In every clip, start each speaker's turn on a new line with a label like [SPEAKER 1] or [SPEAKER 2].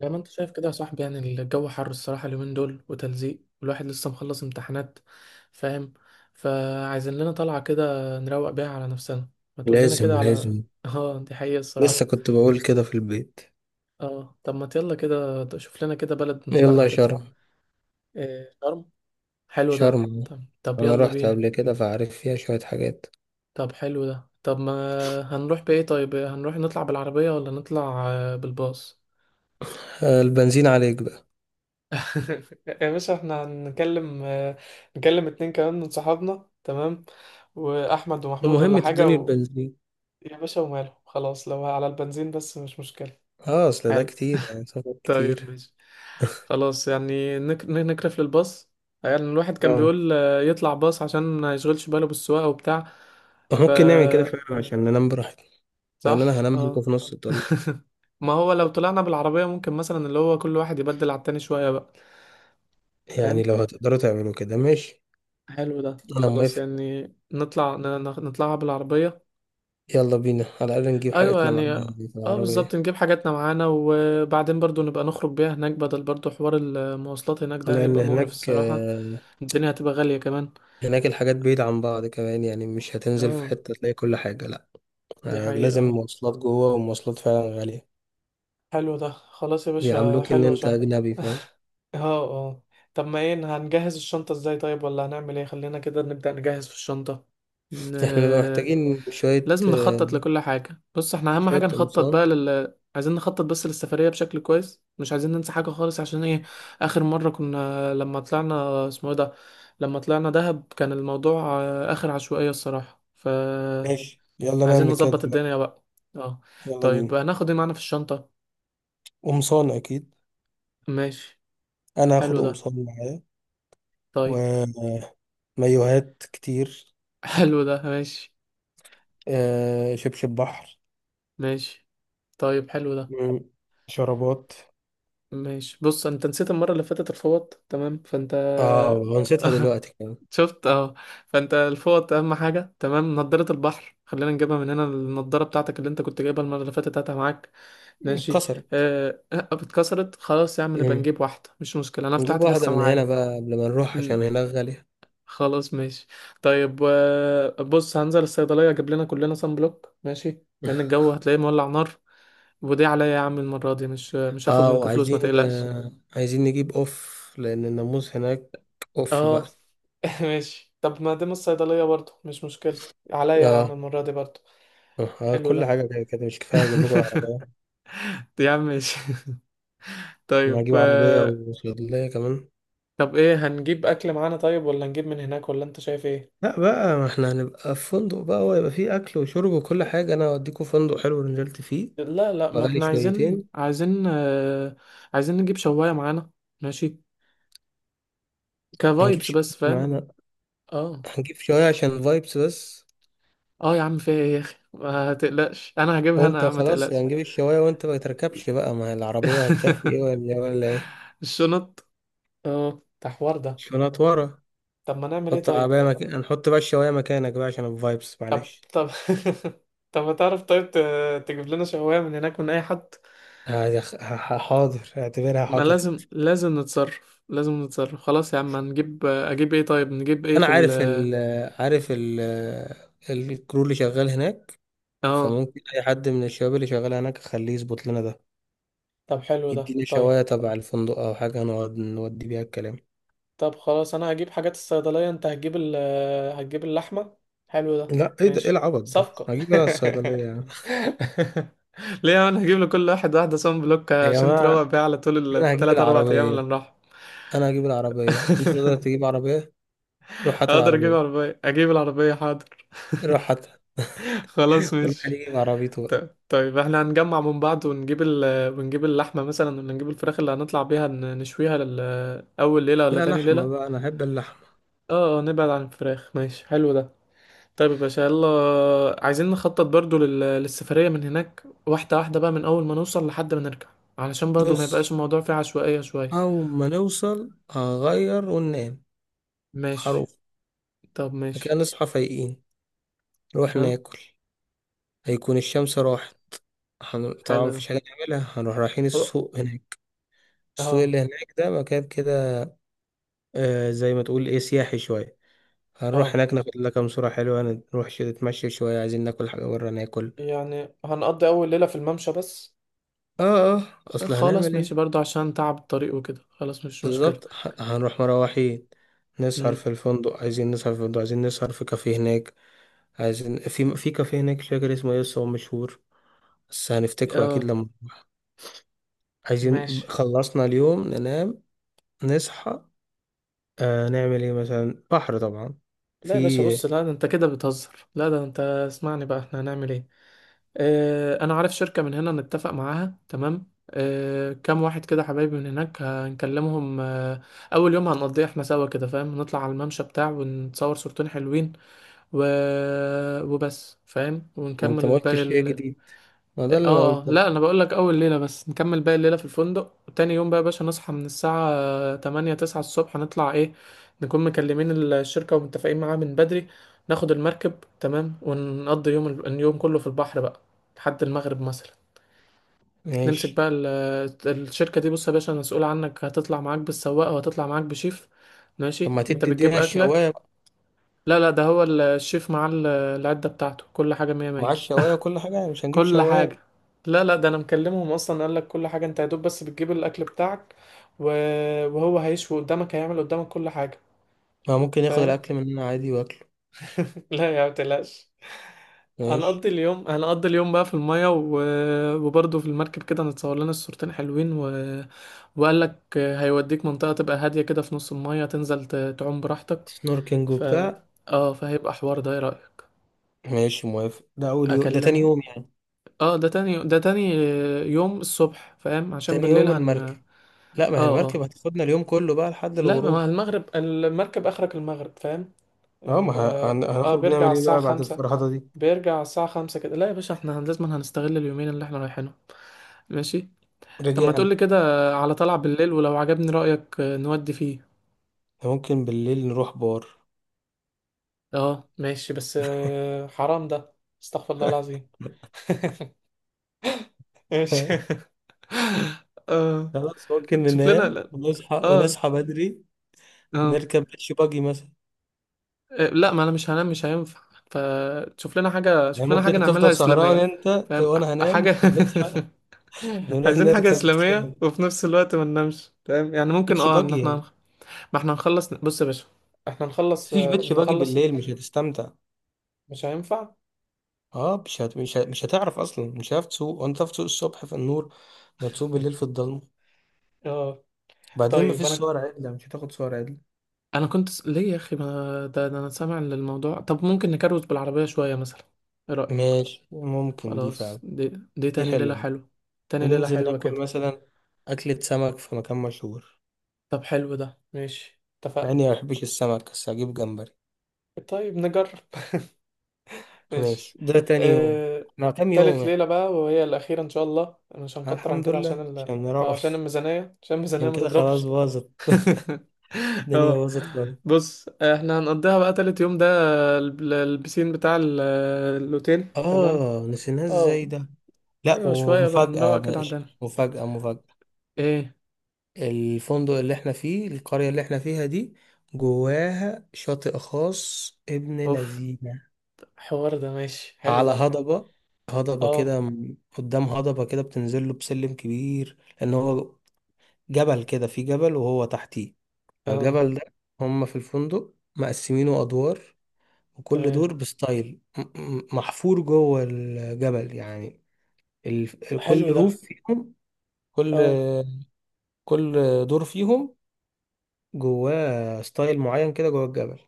[SPEAKER 1] زي ما انت شايف كده يا صاحبي، يعني الجو حر الصراحة اليومين دول وتلزيق، والواحد لسه مخلص امتحانات. فاهم. فعايزين لنا طلعة كده نروق بيها على نفسنا. ما تقول لنا كده
[SPEAKER 2] لازم
[SPEAKER 1] على
[SPEAKER 2] لازم.
[SPEAKER 1] اه دي حقيقة
[SPEAKER 2] لسه
[SPEAKER 1] الصراحة.
[SPEAKER 2] كنت بقول كده في البيت.
[SPEAKER 1] اه طب ما يلا كده شوف لنا كده بلد نطلعها
[SPEAKER 2] يلا
[SPEAKER 1] كده.
[SPEAKER 2] شرم.
[SPEAKER 1] إيه شرم؟ حلو ده.
[SPEAKER 2] شرم،
[SPEAKER 1] طب طب
[SPEAKER 2] انا
[SPEAKER 1] يلا
[SPEAKER 2] رحت
[SPEAKER 1] بينا.
[SPEAKER 2] قبل كده فعارف فيها شوية حاجات.
[SPEAKER 1] طب حلو ده. طب ما هنروح بإيه؟ طيب هنروح نطلع بالعربية ولا نطلع بالباص؟
[SPEAKER 2] البنزين عليك بقى.
[SPEAKER 1] يا باشا احنا هنكلم نكلم اتنين كمان من صحابنا، تمام، واحمد ومحمود ولا
[SPEAKER 2] المهم
[SPEAKER 1] حاجة
[SPEAKER 2] تدوني
[SPEAKER 1] و...
[SPEAKER 2] البنزين.
[SPEAKER 1] يا باشا وماله خلاص، لو على البنزين بس مش مشكلة.
[SPEAKER 2] اه اصل ده
[SPEAKER 1] حلو.
[SPEAKER 2] كتير، يعني سفر
[SPEAKER 1] طيب
[SPEAKER 2] كتير.
[SPEAKER 1] ماشي. خلاص يعني نكرف للباص. يعني الواحد كان
[SPEAKER 2] اه
[SPEAKER 1] بيقول يطلع باص عشان ما يشغلش باله بالسواقة وبتاع. ف
[SPEAKER 2] ممكن نعمل كده فعلا عشان ننام براحتنا، لان انا
[SPEAKER 1] صح
[SPEAKER 2] هنام منكم
[SPEAKER 1] اه.
[SPEAKER 2] في نص الطريق.
[SPEAKER 1] ما هو لو طلعنا بالعربية ممكن مثلا اللي هو كل واحد يبدل على التاني شوية بقى.
[SPEAKER 2] يعني لو هتقدروا تعملوا كده ماشي.
[SPEAKER 1] حلو ده
[SPEAKER 2] انا
[SPEAKER 1] خلاص
[SPEAKER 2] موافق.
[SPEAKER 1] يعني نطلع نطلعها بالعربية.
[SPEAKER 2] يلا بينا على الاقل نجيب
[SPEAKER 1] أيوة
[SPEAKER 2] حاجتنا معانا
[SPEAKER 1] يعني.
[SPEAKER 2] يعني في
[SPEAKER 1] اه
[SPEAKER 2] العربية.
[SPEAKER 1] بالظبط، نجيب حاجاتنا معانا، وبعدين برضو نبقى نخرج بيها هناك، بدل برضو حوار المواصلات هناك ده
[SPEAKER 2] لان
[SPEAKER 1] هيبقى مقرف
[SPEAKER 2] هناك
[SPEAKER 1] الصراحة. الدنيا هتبقى غالية كمان.
[SPEAKER 2] هناك الحاجات بعيدة عن بعض كمان، يعني مش هتنزل في
[SPEAKER 1] اه
[SPEAKER 2] حتة تلاقي كل حاجة.
[SPEAKER 1] دي حقيقة
[SPEAKER 2] لازم
[SPEAKER 1] آه،
[SPEAKER 2] مواصلات جوه ومواصلات فعلا غالية.
[SPEAKER 1] حلو ده خلاص يا باشا،
[SPEAKER 2] بيعاملوك إن
[SPEAKER 1] حلو
[SPEAKER 2] أنت
[SPEAKER 1] شرم.
[SPEAKER 2] أجنبي، فاهم.
[SPEAKER 1] اه اه. طب ما ايه، هنجهز الشنطة ازاي طيب، ولا هنعمل ايه؟ خلينا كده نبدأ نجهز في الشنطة. ن...
[SPEAKER 2] إحنا نبقى محتاجين شوية
[SPEAKER 1] لازم نخطط لكل حاجة. بص احنا أهم
[SPEAKER 2] شوية
[SPEAKER 1] حاجة نخطط
[SPEAKER 2] قمصان.
[SPEAKER 1] بقى لل عايزين نخطط بس للسفرية بشكل كويس، مش عايزين ننسى حاجة خالص، عشان ايه؟ آخر مرة كنا لما طلعنا اسمه ايه ده، لما طلعنا دهب، كان الموضوع آخر عشوائية الصراحة.
[SPEAKER 2] ماشي، يلا
[SPEAKER 1] عايزين
[SPEAKER 2] نعمل كده
[SPEAKER 1] نظبط
[SPEAKER 2] دلوقتي.
[SPEAKER 1] الدنيا بقى. اه.
[SPEAKER 2] يلا
[SPEAKER 1] طيب
[SPEAKER 2] بينا.
[SPEAKER 1] هناخد ايه معانا في الشنطة؟
[SPEAKER 2] قمصان اكيد.
[SPEAKER 1] ماشي.
[SPEAKER 2] انا هاخد
[SPEAKER 1] حلو ده.
[SPEAKER 2] قمصان معايا.
[SPEAKER 1] طيب.
[SPEAKER 2] ومايوهات كتير.
[SPEAKER 1] حلو ده ماشي.
[SPEAKER 2] شبشب بحر.
[SPEAKER 1] ماشي. طيب حلو ده.
[SPEAKER 2] مم. شرابات.
[SPEAKER 1] ماشي. بص انت نسيت المرة اللي فاتت الفوط، تمام، فانت
[SPEAKER 2] نسيتها دلوقتي كمان.
[SPEAKER 1] شفت؟ اه. فانت الفوط اهم حاجه، تمام. نضاره البحر، خلينا نجيبها من هنا. النضاره بتاعتك اللي انت كنت جايبها المره اللي فاتت هاتها معاك. ماشي.
[SPEAKER 2] اتكسرت.
[SPEAKER 1] آه، اتكسرت؟ خلاص يا عم نبقى
[SPEAKER 2] مم.
[SPEAKER 1] نجيب واحده، مش مشكله، انا
[SPEAKER 2] نجيب
[SPEAKER 1] بتاعتي
[SPEAKER 2] واحدة
[SPEAKER 1] لسه
[SPEAKER 2] من هنا
[SPEAKER 1] معايا.
[SPEAKER 2] بقى قبل ما نروح عشان
[SPEAKER 1] مم،
[SPEAKER 2] هناك غالية.
[SPEAKER 1] خلاص ماشي. طيب بص هنزل الصيدليه اجيب لنا كلنا صن بلوك، ماشي؟ لان الجو هتلاقيه مولع نار. ودي عليا يا عم، المره دي مش هاخد
[SPEAKER 2] اه
[SPEAKER 1] منكم فلوس، ما
[SPEAKER 2] وعايزين
[SPEAKER 1] تقلقش.
[SPEAKER 2] عايزين نجيب اوف، لان الناموس هناك. اوف
[SPEAKER 1] اه.
[SPEAKER 2] بقى.
[SPEAKER 1] ماشي. طب ما دام الصيدليه برضه مش مشكله، عليا يا عم
[SPEAKER 2] اه.
[SPEAKER 1] المره دي برضه. حلو
[SPEAKER 2] كل
[SPEAKER 1] ده.
[SPEAKER 2] حاجة كده كده مش كفاية، اجيب لكم عربية.
[SPEAKER 1] يا عم ماشي.
[SPEAKER 2] انا
[SPEAKER 1] طيب
[SPEAKER 2] هجيب عربية
[SPEAKER 1] آه،
[SPEAKER 2] وصيدلية كمان.
[SPEAKER 1] طب ايه، هنجيب اكل معانا طيب ولا هنجيب من هناك، ولا انت شايف ايه؟
[SPEAKER 2] لا بقى، ما احنا هنبقى في فندق بقى، ويبقى فيه اكل وشرب وكل حاجة. انا هوديكوا فندق حلو نزلت فيه،
[SPEAKER 1] لا لا، ما
[SPEAKER 2] بغالي
[SPEAKER 1] احنا عايزين
[SPEAKER 2] شويتين.
[SPEAKER 1] عايزين عايزين نجيب شواية معانا. ماشي.
[SPEAKER 2] هنجيب
[SPEAKER 1] كفايبس
[SPEAKER 2] شوية
[SPEAKER 1] بس، فاهم.
[SPEAKER 2] معانا.
[SPEAKER 1] اه
[SPEAKER 2] هنجيب شوية عشان فايبس بس.
[SPEAKER 1] اه. يا عم في ايه يا اخي، ما تقلقش، انا هجيبها انا يا
[SPEAKER 2] وانت
[SPEAKER 1] عم، ما
[SPEAKER 2] خلاص يعني
[SPEAKER 1] تقلقش.
[SPEAKER 2] هنجيب الشواية وانت ما تركبش بقى، ما هي العربية هتكفي ايه، ولا إيه ولا ايه؟
[SPEAKER 1] الشنط. اه ده حوار ده.
[SPEAKER 2] شنط ورا.
[SPEAKER 1] طب ما نعمل ايه
[SPEAKER 2] حط عباية
[SPEAKER 1] طيب؟
[SPEAKER 2] نحط بقى الشواية مكانك بقى عشان الفايبس،
[SPEAKER 1] طب
[SPEAKER 2] معلش.
[SPEAKER 1] طب. طب ما تعرف طيب، تجيب لنا شواية من هناك من اي حد.
[SPEAKER 2] حاضر، اعتبرها
[SPEAKER 1] ما لازم
[SPEAKER 2] حاضرت.
[SPEAKER 1] لازم نتصرف، لازم نتصرف، خلاص يا عم هنجيب. اجيب ايه طيب، نجيب ايه
[SPEAKER 2] انا
[SPEAKER 1] في ال...
[SPEAKER 2] عارف ال عارف ال الكرو اللي شغال هناك،
[SPEAKER 1] اه.
[SPEAKER 2] فممكن اي حد من الشباب اللي شغال هناك اخليه يظبط لنا ده،
[SPEAKER 1] طب حلو ده
[SPEAKER 2] يديني
[SPEAKER 1] طيب.
[SPEAKER 2] شواية تبع الفندق او حاجة نقعد نودي بيها الكلام.
[SPEAKER 1] طب خلاص انا هجيب حاجات الصيدلية، انت هتجيب ال... هتجيب اللحمة. حلو ده.
[SPEAKER 2] لا، ايه ده، ايه
[SPEAKER 1] ماشي.
[SPEAKER 2] العبط ده،
[SPEAKER 1] صفقة.
[SPEAKER 2] هجيب انا الصيدلية يا عم.
[SPEAKER 1] ليه، انا هجيب لكل واحد واحدة صن بلوك
[SPEAKER 2] يا
[SPEAKER 1] عشان تروق
[SPEAKER 2] جماعة،
[SPEAKER 1] بيها على طول،
[SPEAKER 2] انا هجيب
[SPEAKER 1] التلات اربع ايام اللي
[SPEAKER 2] العربية.
[SPEAKER 1] نروح.
[SPEAKER 2] انا هجيب العربية، انت تقدر تجيب عربية؟ روح هات
[SPEAKER 1] اقدر اجيب
[SPEAKER 2] العربية.
[SPEAKER 1] عربية، اجيب العربية حاضر.
[SPEAKER 2] روح هات.
[SPEAKER 1] خلاص
[SPEAKER 2] كل واحد
[SPEAKER 1] ماشي.
[SPEAKER 2] يجيب عربيته بقى.
[SPEAKER 1] طيب احنا هنجمع من بعض ونجيب ال... ونجيب اللحمة مثلا ولا نجيب الفراخ اللي هنطلع بيها نشويها لل... أول ليلة ولا
[SPEAKER 2] لا،
[SPEAKER 1] تاني
[SPEAKER 2] لحمة
[SPEAKER 1] ليلة؟
[SPEAKER 2] بقى، أنا أحب اللحمة.
[SPEAKER 1] اه اه، نبعد عن الفراخ. ماشي حلو ده. طيب يا باشا يلا، عايزين نخطط برضو لل... للسفرية من هناك، واحدة واحدة بقى، من أول ما نوصل لحد ما نرجع، علشان برضو ما يبقاش
[SPEAKER 2] بص،
[SPEAKER 1] الموضوع فيه عشوائية شوية.
[SPEAKER 2] أول ما نوصل هغير وننام. هروح.
[SPEAKER 1] ماشي. طب ماشي.
[SPEAKER 2] لكن نصحى فايقين، نروح
[SPEAKER 1] ها.
[SPEAKER 2] ناكل. هيكون الشمس راحت. طبعا
[SPEAKER 1] حلو ده.
[SPEAKER 2] مفيش حاجة نعملها، هنروح رايحين
[SPEAKER 1] أو-
[SPEAKER 2] السوق هناك. السوق
[SPEAKER 1] اه
[SPEAKER 2] اللي هناك ده مكان كده، زي ما تقول إيه، سياحي شوية. هنروح
[SPEAKER 1] اه.
[SPEAKER 2] هناك ناخد لنا كام صورة حلوة. نروح شوية، نتمشى شوية، عايزين ناكل حاجة برا، ناكل.
[SPEAKER 1] يعني هنقضي أول ليلة في الممشى بس؟
[SPEAKER 2] آه. آه، أصل
[SPEAKER 1] خلاص
[SPEAKER 2] هنعمل
[SPEAKER 1] ماشي،
[SPEAKER 2] إيه.
[SPEAKER 1] برضو عشان تعب الطريق وكده، خلاص مش مشكلة.
[SPEAKER 2] بالظبط، هنروح مروحين. نسهر
[SPEAKER 1] امم
[SPEAKER 2] في الفندق، عايزين نسهر في الفندق، عايزين نسهر في كافيه هناك. عايزين في كافيه هناك، مش فاكر اسمه ايه بس هو مشهور. بس هنفتكره اكيد
[SPEAKER 1] اه
[SPEAKER 2] لما نروح. عايزين
[SPEAKER 1] ماشي.
[SPEAKER 2] خلصنا اليوم ننام. نصحى. نعمل ايه مثلا، بحر طبعا.
[SPEAKER 1] لا يا باشا،
[SPEAKER 2] في.
[SPEAKER 1] بص لا، ده انت كده بتهزر، لا ده انت اسمعني بقى، احنا هنعمل ايه. اه انا عارف شركة من هنا نتفق معاها تمام، اه كام واحد كده حبايبي من هناك هنكلمهم اه. اول يوم هنقضيه احنا سوا كده، فاهم، نطلع على الممشى بتاع ونتصور صورتين حلوين و... وبس فاهم،
[SPEAKER 2] ما انت
[SPEAKER 1] ونكمل
[SPEAKER 2] ما قلتش
[SPEAKER 1] الباقي.
[SPEAKER 2] شيء جديد. ما ده
[SPEAKER 1] اه
[SPEAKER 2] اللي انا قلته.
[SPEAKER 1] لا انا بقول لك اول ليله بس، نكمل باقي الليله في الفندق، وتاني يوم بقى يا باشا نصحى من الساعه 8 9 الصبح نطلع ايه، نكون مكلمين الشركه ومتفقين معاها من بدري. ناخد المركب، تمام، ونقضي يوم اليوم كله في البحر بقى، لحد المغرب مثلا. نمسك
[SPEAKER 2] ماشي.
[SPEAKER 1] بقى الشركه دي. بص يا باشا، مسؤول عنك، هتطلع معاك بالسواق وهتطلع معاك بشيف.
[SPEAKER 2] طب
[SPEAKER 1] ماشي.
[SPEAKER 2] ما
[SPEAKER 1] انت بتجيب
[SPEAKER 2] ادينا
[SPEAKER 1] اكلك.
[SPEAKER 2] الشوايه بقى.
[SPEAKER 1] لا لا، ده هو الشيف معاه العده بتاعته كل حاجه مية
[SPEAKER 2] مع
[SPEAKER 1] مية.
[SPEAKER 2] الشوايه وكل حاجه، يعني مش هنجيب
[SPEAKER 1] كل
[SPEAKER 2] شوايه؟
[SPEAKER 1] حاجة. لا لا، ده انا مكلمهم اصلا، قال لك كل حاجة، انت يا دوب بس بتجيب الاكل بتاعك و... وهو هيشوي قدامك، هيعمل قدامك كل حاجة.
[SPEAKER 2] ما ممكن ياخد
[SPEAKER 1] فاهم.
[SPEAKER 2] الاكل مننا عادي واكله.
[SPEAKER 1] لا يا، ما تقلقش.
[SPEAKER 2] ماشي.
[SPEAKER 1] هنقضي اليوم بقى في المية و... وبرضه في المركب كده هنتصور لنا الصورتين حلوين و... وقال لك هيوديك منطقة تبقى هادية كده في نص المية تنزل تعوم براحتك.
[SPEAKER 2] سنوركينج
[SPEAKER 1] ف
[SPEAKER 2] وبتاع.
[SPEAKER 1] اه فهيبقى حوار ده، ايه رأيك؟
[SPEAKER 2] ماشي موافق. ده اول يوم، ده تاني
[SPEAKER 1] اكلمهم.
[SPEAKER 2] يوم يعني.
[SPEAKER 1] اه ده تاني يوم الصبح فاهم، عشان
[SPEAKER 2] تاني
[SPEAKER 1] بالليل
[SPEAKER 2] يوم المركب.
[SPEAKER 1] اه
[SPEAKER 2] لا، ما هي
[SPEAKER 1] اه.
[SPEAKER 2] المركب هتاخدنا اليوم كله بقى لحد
[SPEAKER 1] لا ما هو
[SPEAKER 2] الغروب.
[SPEAKER 1] المغرب المركب اخرك المغرب فاهم،
[SPEAKER 2] اه،
[SPEAKER 1] يعني
[SPEAKER 2] ما
[SPEAKER 1] اه
[SPEAKER 2] هنخرج
[SPEAKER 1] بيرجع على
[SPEAKER 2] نعمل ايه
[SPEAKER 1] الساعة
[SPEAKER 2] بقى بعد
[SPEAKER 1] خمسة.
[SPEAKER 2] الفرهدة دي.
[SPEAKER 1] كده. لا يا باشا، احنا لازم هنستغل اليومين اللي احنا رايحينهم. ماشي. طب ما
[SPEAKER 2] رجعنا.
[SPEAKER 1] تقولي كده، على طلعة بالليل، ولو عجبني رأيك نودي فيه.
[SPEAKER 2] ممكن بالليل نروح بار.
[SPEAKER 1] اه ماشي بس حرام ده، استغفر الله العظيم. ماشي. اه.
[SPEAKER 2] خلاص، ممكن
[SPEAKER 1] تشوف لنا
[SPEAKER 2] ننام
[SPEAKER 1] لا.
[SPEAKER 2] ونصحى
[SPEAKER 1] اه.
[SPEAKER 2] ونصحى بدري.
[SPEAKER 1] اه
[SPEAKER 2] نركب بيتش باجي مثلا.
[SPEAKER 1] لا ما انا مش هنام، مش هينفع. فتشوف لنا حاجة،
[SPEAKER 2] يعني
[SPEAKER 1] شوف لنا
[SPEAKER 2] ممكن
[SPEAKER 1] حاجة
[SPEAKER 2] انت
[SPEAKER 1] نعملها
[SPEAKER 2] تفضل سهران
[SPEAKER 1] إسلامية،
[SPEAKER 2] انت،
[SPEAKER 1] فاهم.
[SPEAKER 2] وانا هنام
[SPEAKER 1] حاجة.
[SPEAKER 2] ونصحى، نروح
[SPEAKER 1] عايزين حاجة
[SPEAKER 2] نركب بيتش
[SPEAKER 1] إسلامية
[SPEAKER 2] باجي.
[SPEAKER 1] وفي نفس الوقت ما ننامش، فاهم، يعني ممكن
[SPEAKER 2] بيتش
[SPEAKER 1] اه ان
[SPEAKER 2] باجي
[SPEAKER 1] احنا
[SPEAKER 2] يعني.
[SPEAKER 1] ما احنا نخلص. بص يا باشا، احنا نخلص
[SPEAKER 2] مفيش بيتش باجي
[SPEAKER 1] نخلص.
[SPEAKER 2] بالليل، مش هتستمتع.
[SPEAKER 1] مش هينفع.
[SPEAKER 2] اه، مش هتعرف اصلا، مش هتعرف تسوق، وانت تعرف تسوق الصبح في النور. ما تسوق بالليل في الضلمه.
[SPEAKER 1] اه.
[SPEAKER 2] بعدين
[SPEAKER 1] طيب
[SPEAKER 2] مفيش
[SPEAKER 1] انا،
[SPEAKER 2] صور عدله، مش هتاخد صور عدله.
[SPEAKER 1] انا كنت ليه يا اخي، ما ده, ده انا سامع للموضوع، طب ممكن نكروت بالعربية شوية مثلا، ايه رأيك؟
[SPEAKER 2] ماشي، ممكن دي
[SPEAKER 1] خلاص
[SPEAKER 2] فعلا.
[SPEAKER 1] دي
[SPEAKER 2] دي
[SPEAKER 1] تاني ليلة
[SPEAKER 2] حلوه.
[SPEAKER 1] حلوة. تاني ليلة
[SPEAKER 2] وننزل
[SPEAKER 1] حلوة
[SPEAKER 2] ناكل
[SPEAKER 1] كده.
[SPEAKER 2] مثلا أكلة سمك في مكان مشهور.
[SPEAKER 1] طب حلو ده ماشي
[SPEAKER 2] مع
[SPEAKER 1] اتفقنا.
[SPEAKER 2] إني ما بحبش السمك بس هجيب جمبري.
[SPEAKER 1] طيب نجرب.
[SPEAKER 2] ماشي،
[SPEAKER 1] ماشي.
[SPEAKER 2] ده تاني يوم.
[SPEAKER 1] آه...
[SPEAKER 2] مع كام يوم
[SPEAKER 1] تالت
[SPEAKER 2] إحنا؟
[SPEAKER 1] ليلة بقى، وهي الأخيرة إن شاء الله، مش هنكتر عن
[SPEAKER 2] الحمد
[SPEAKER 1] كده عشان
[SPEAKER 2] لله
[SPEAKER 1] ال...
[SPEAKER 2] عشان
[SPEAKER 1] آه عشان
[SPEAKER 2] نروح.
[SPEAKER 1] الميزانية، عشان الميزانية
[SPEAKER 2] عشان
[SPEAKER 1] ما
[SPEAKER 2] كده خلاص
[SPEAKER 1] تضربش.
[SPEAKER 2] باظت. الدنيا
[SPEAKER 1] اه.
[SPEAKER 2] باظت خالص.
[SPEAKER 1] بص احنا هنقضيها بقى تالت يوم ده، البسين بتاع الأوتيل تمام.
[SPEAKER 2] آه، نسيناه إزاي
[SPEAKER 1] اه.
[SPEAKER 2] ده. لأ،
[SPEAKER 1] أيوة شوية بقى
[SPEAKER 2] ومفاجأة يا
[SPEAKER 1] نروق كده
[SPEAKER 2] باشا.
[SPEAKER 1] عندنا.
[SPEAKER 2] مفاجأة مفاجأة.
[SPEAKER 1] ايه؟
[SPEAKER 2] الفندق اللي إحنا فيه، القرية اللي إحنا فيها دي، جواها شاطئ خاص ابن
[SPEAKER 1] اوف،
[SPEAKER 2] لذينة.
[SPEAKER 1] حوار ده. ماشي حلو
[SPEAKER 2] على
[SPEAKER 1] ده.
[SPEAKER 2] هضبة. هضبة
[SPEAKER 1] اه
[SPEAKER 2] كده، قدام هضبة كده بتنزل له بسلم كبير، لأن هو جبل كده، في جبل وهو تحتيه.
[SPEAKER 1] اه.
[SPEAKER 2] فالجبل ده، هما في الفندق مقسمينه أدوار. وكل
[SPEAKER 1] تمام.
[SPEAKER 2] دور بستايل محفور جوه الجبل يعني. ال...
[SPEAKER 1] حلو
[SPEAKER 2] كل
[SPEAKER 1] ده.
[SPEAKER 2] روف فيهم. كل
[SPEAKER 1] اه
[SPEAKER 2] كل دور فيهم، جواه ستايل معين كده جوه الجبل.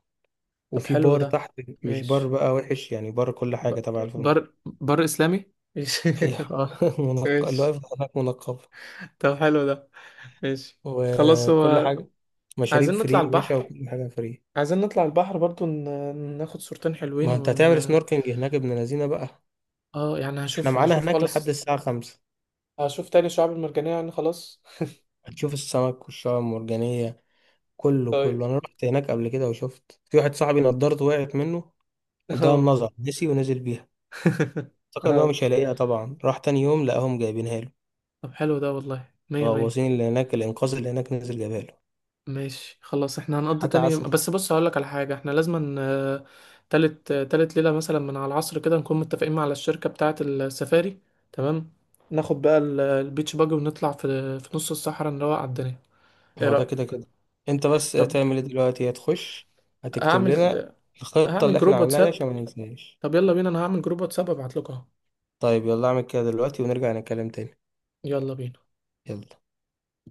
[SPEAKER 1] طب
[SPEAKER 2] وفي
[SPEAKER 1] حلو
[SPEAKER 2] بار
[SPEAKER 1] ده
[SPEAKER 2] تحت، مش بار
[SPEAKER 1] ماشي.
[SPEAKER 2] بقى وحش يعني، بار كل
[SPEAKER 1] ب...
[SPEAKER 2] حاجة تبع
[SPEAKER 1] بر
[SPEAKER 2] الفندق.
[SPEAKER 1] بر اسلامي ماشي.
[SPEAKER 2] ايوه. منقب اللي
[SPEAKER 1] ماشي.
[SPEAKER 2] واقف هناك منقب،
[SPEAKER 1] طب حلو ده. ماشي. خلاص
[SPEAKER 2] وكل
[SPEAKER 1] هو.
[SPEAKER 2] حاجة. مشاريب
[SPEAKER 1] عايزين
[SPEAKER 2] فري
[SPEAKER 1] نطلع
[SPEAKER 2] يا باشا،
[SPEAKER 1] البحر،
[SPEAKER 2] وكل حاجة فري.
[SPEAKER 1] برضو ناخد صورتين
[SPEAKER 2] ما
[SPEAKER 1] حلوين
[SPEAKER 2] انت
[SPEAKER 1] ون...
[SPEAKER 2] هتعمل سنوركينج هناك ابن لذينه بقى.
[SPEAKER 1] اه يعني
[SPEAKER 2] احنا معانا
[SPEAKER 1] هشوف
[SPEAKER 2] هناك لحد
[SPEAKER 1] خلاص.
[SPEAKER 2] الساعة 5.
[SPEAKER 1] هشوف تاني الشعاب المرجانية يعني خلاص.
[SPEAKER 2] هتشوف السمك والشعاب المرجانية. كله
[SPEAKER 1] طيب.
[SPEAKER 2] كله، انا رحت هناك قبل كده وشفت في واحد صاحبي نضارته وقعت منه، نضارة
[SPEAKER 1] اه.
[SPEAKER 2] النظر، نسي ونزل بيها. افتكر ان هو
[SPEAKER 1] اه
[SPEAKER 2] مش هيلاقيها، طبعا راح تاني يوم لقاهم جايبينها له.
[SPEAKER 1] طب حلو ده والله مية مية.
[SPEAKER 2] غواصين اللي هناك، الانقاذ اللي هناك، نزل جابها له.
[SPEAKER 1] ماشي خلاص احنا هنقضي
[SPEAKER 2] حاجة
[SPEAKER 1] تاني يوم
[SPEAKER 2] عسل.
[SPEAKER 1] بس. بص هقولك على حاجة، احنا لازم تالت تالت ليلة مثلا من على العصر كده نكون متفقين مع الشركة بتاعة السفاري تمام. ناخد بقى البيتش باجي ونطلع في في نص الصحراء نروق على الدنيا. ايه
[SPEAKER 2] هو ده كده
[SPEAKER 1] رأيك؟
[SPEAKER 2] كده. انت بس
[SPEAKER 1] طب
[SPEAKER 2] هتعمل ايه دلوقتي، هتخش هتكتب لنا
[SPEAKER 1] هعمل
[SPEAKER 2] الخطة
[SPEAKER 1] هعمل
[SPEAKER 2] اللي احنا
[SPEAKER 1] جروب
[SPEAKER 2] عملناها دي
[SPEAKER 1] واتساب.
[SPEAKER 2] عشان ما ننساهاش؟
[SPEAKER 1] طب يلا بينا، انا هعمل جروب واتساب ابعت لكم اهو.
[SPEAKER 2] طيب، يلا اعمل كده دلوقتي ونرجع نتكلم تاني.
[SPEAKER 1] يلا بينا.
[SPEAKER 2] يلا.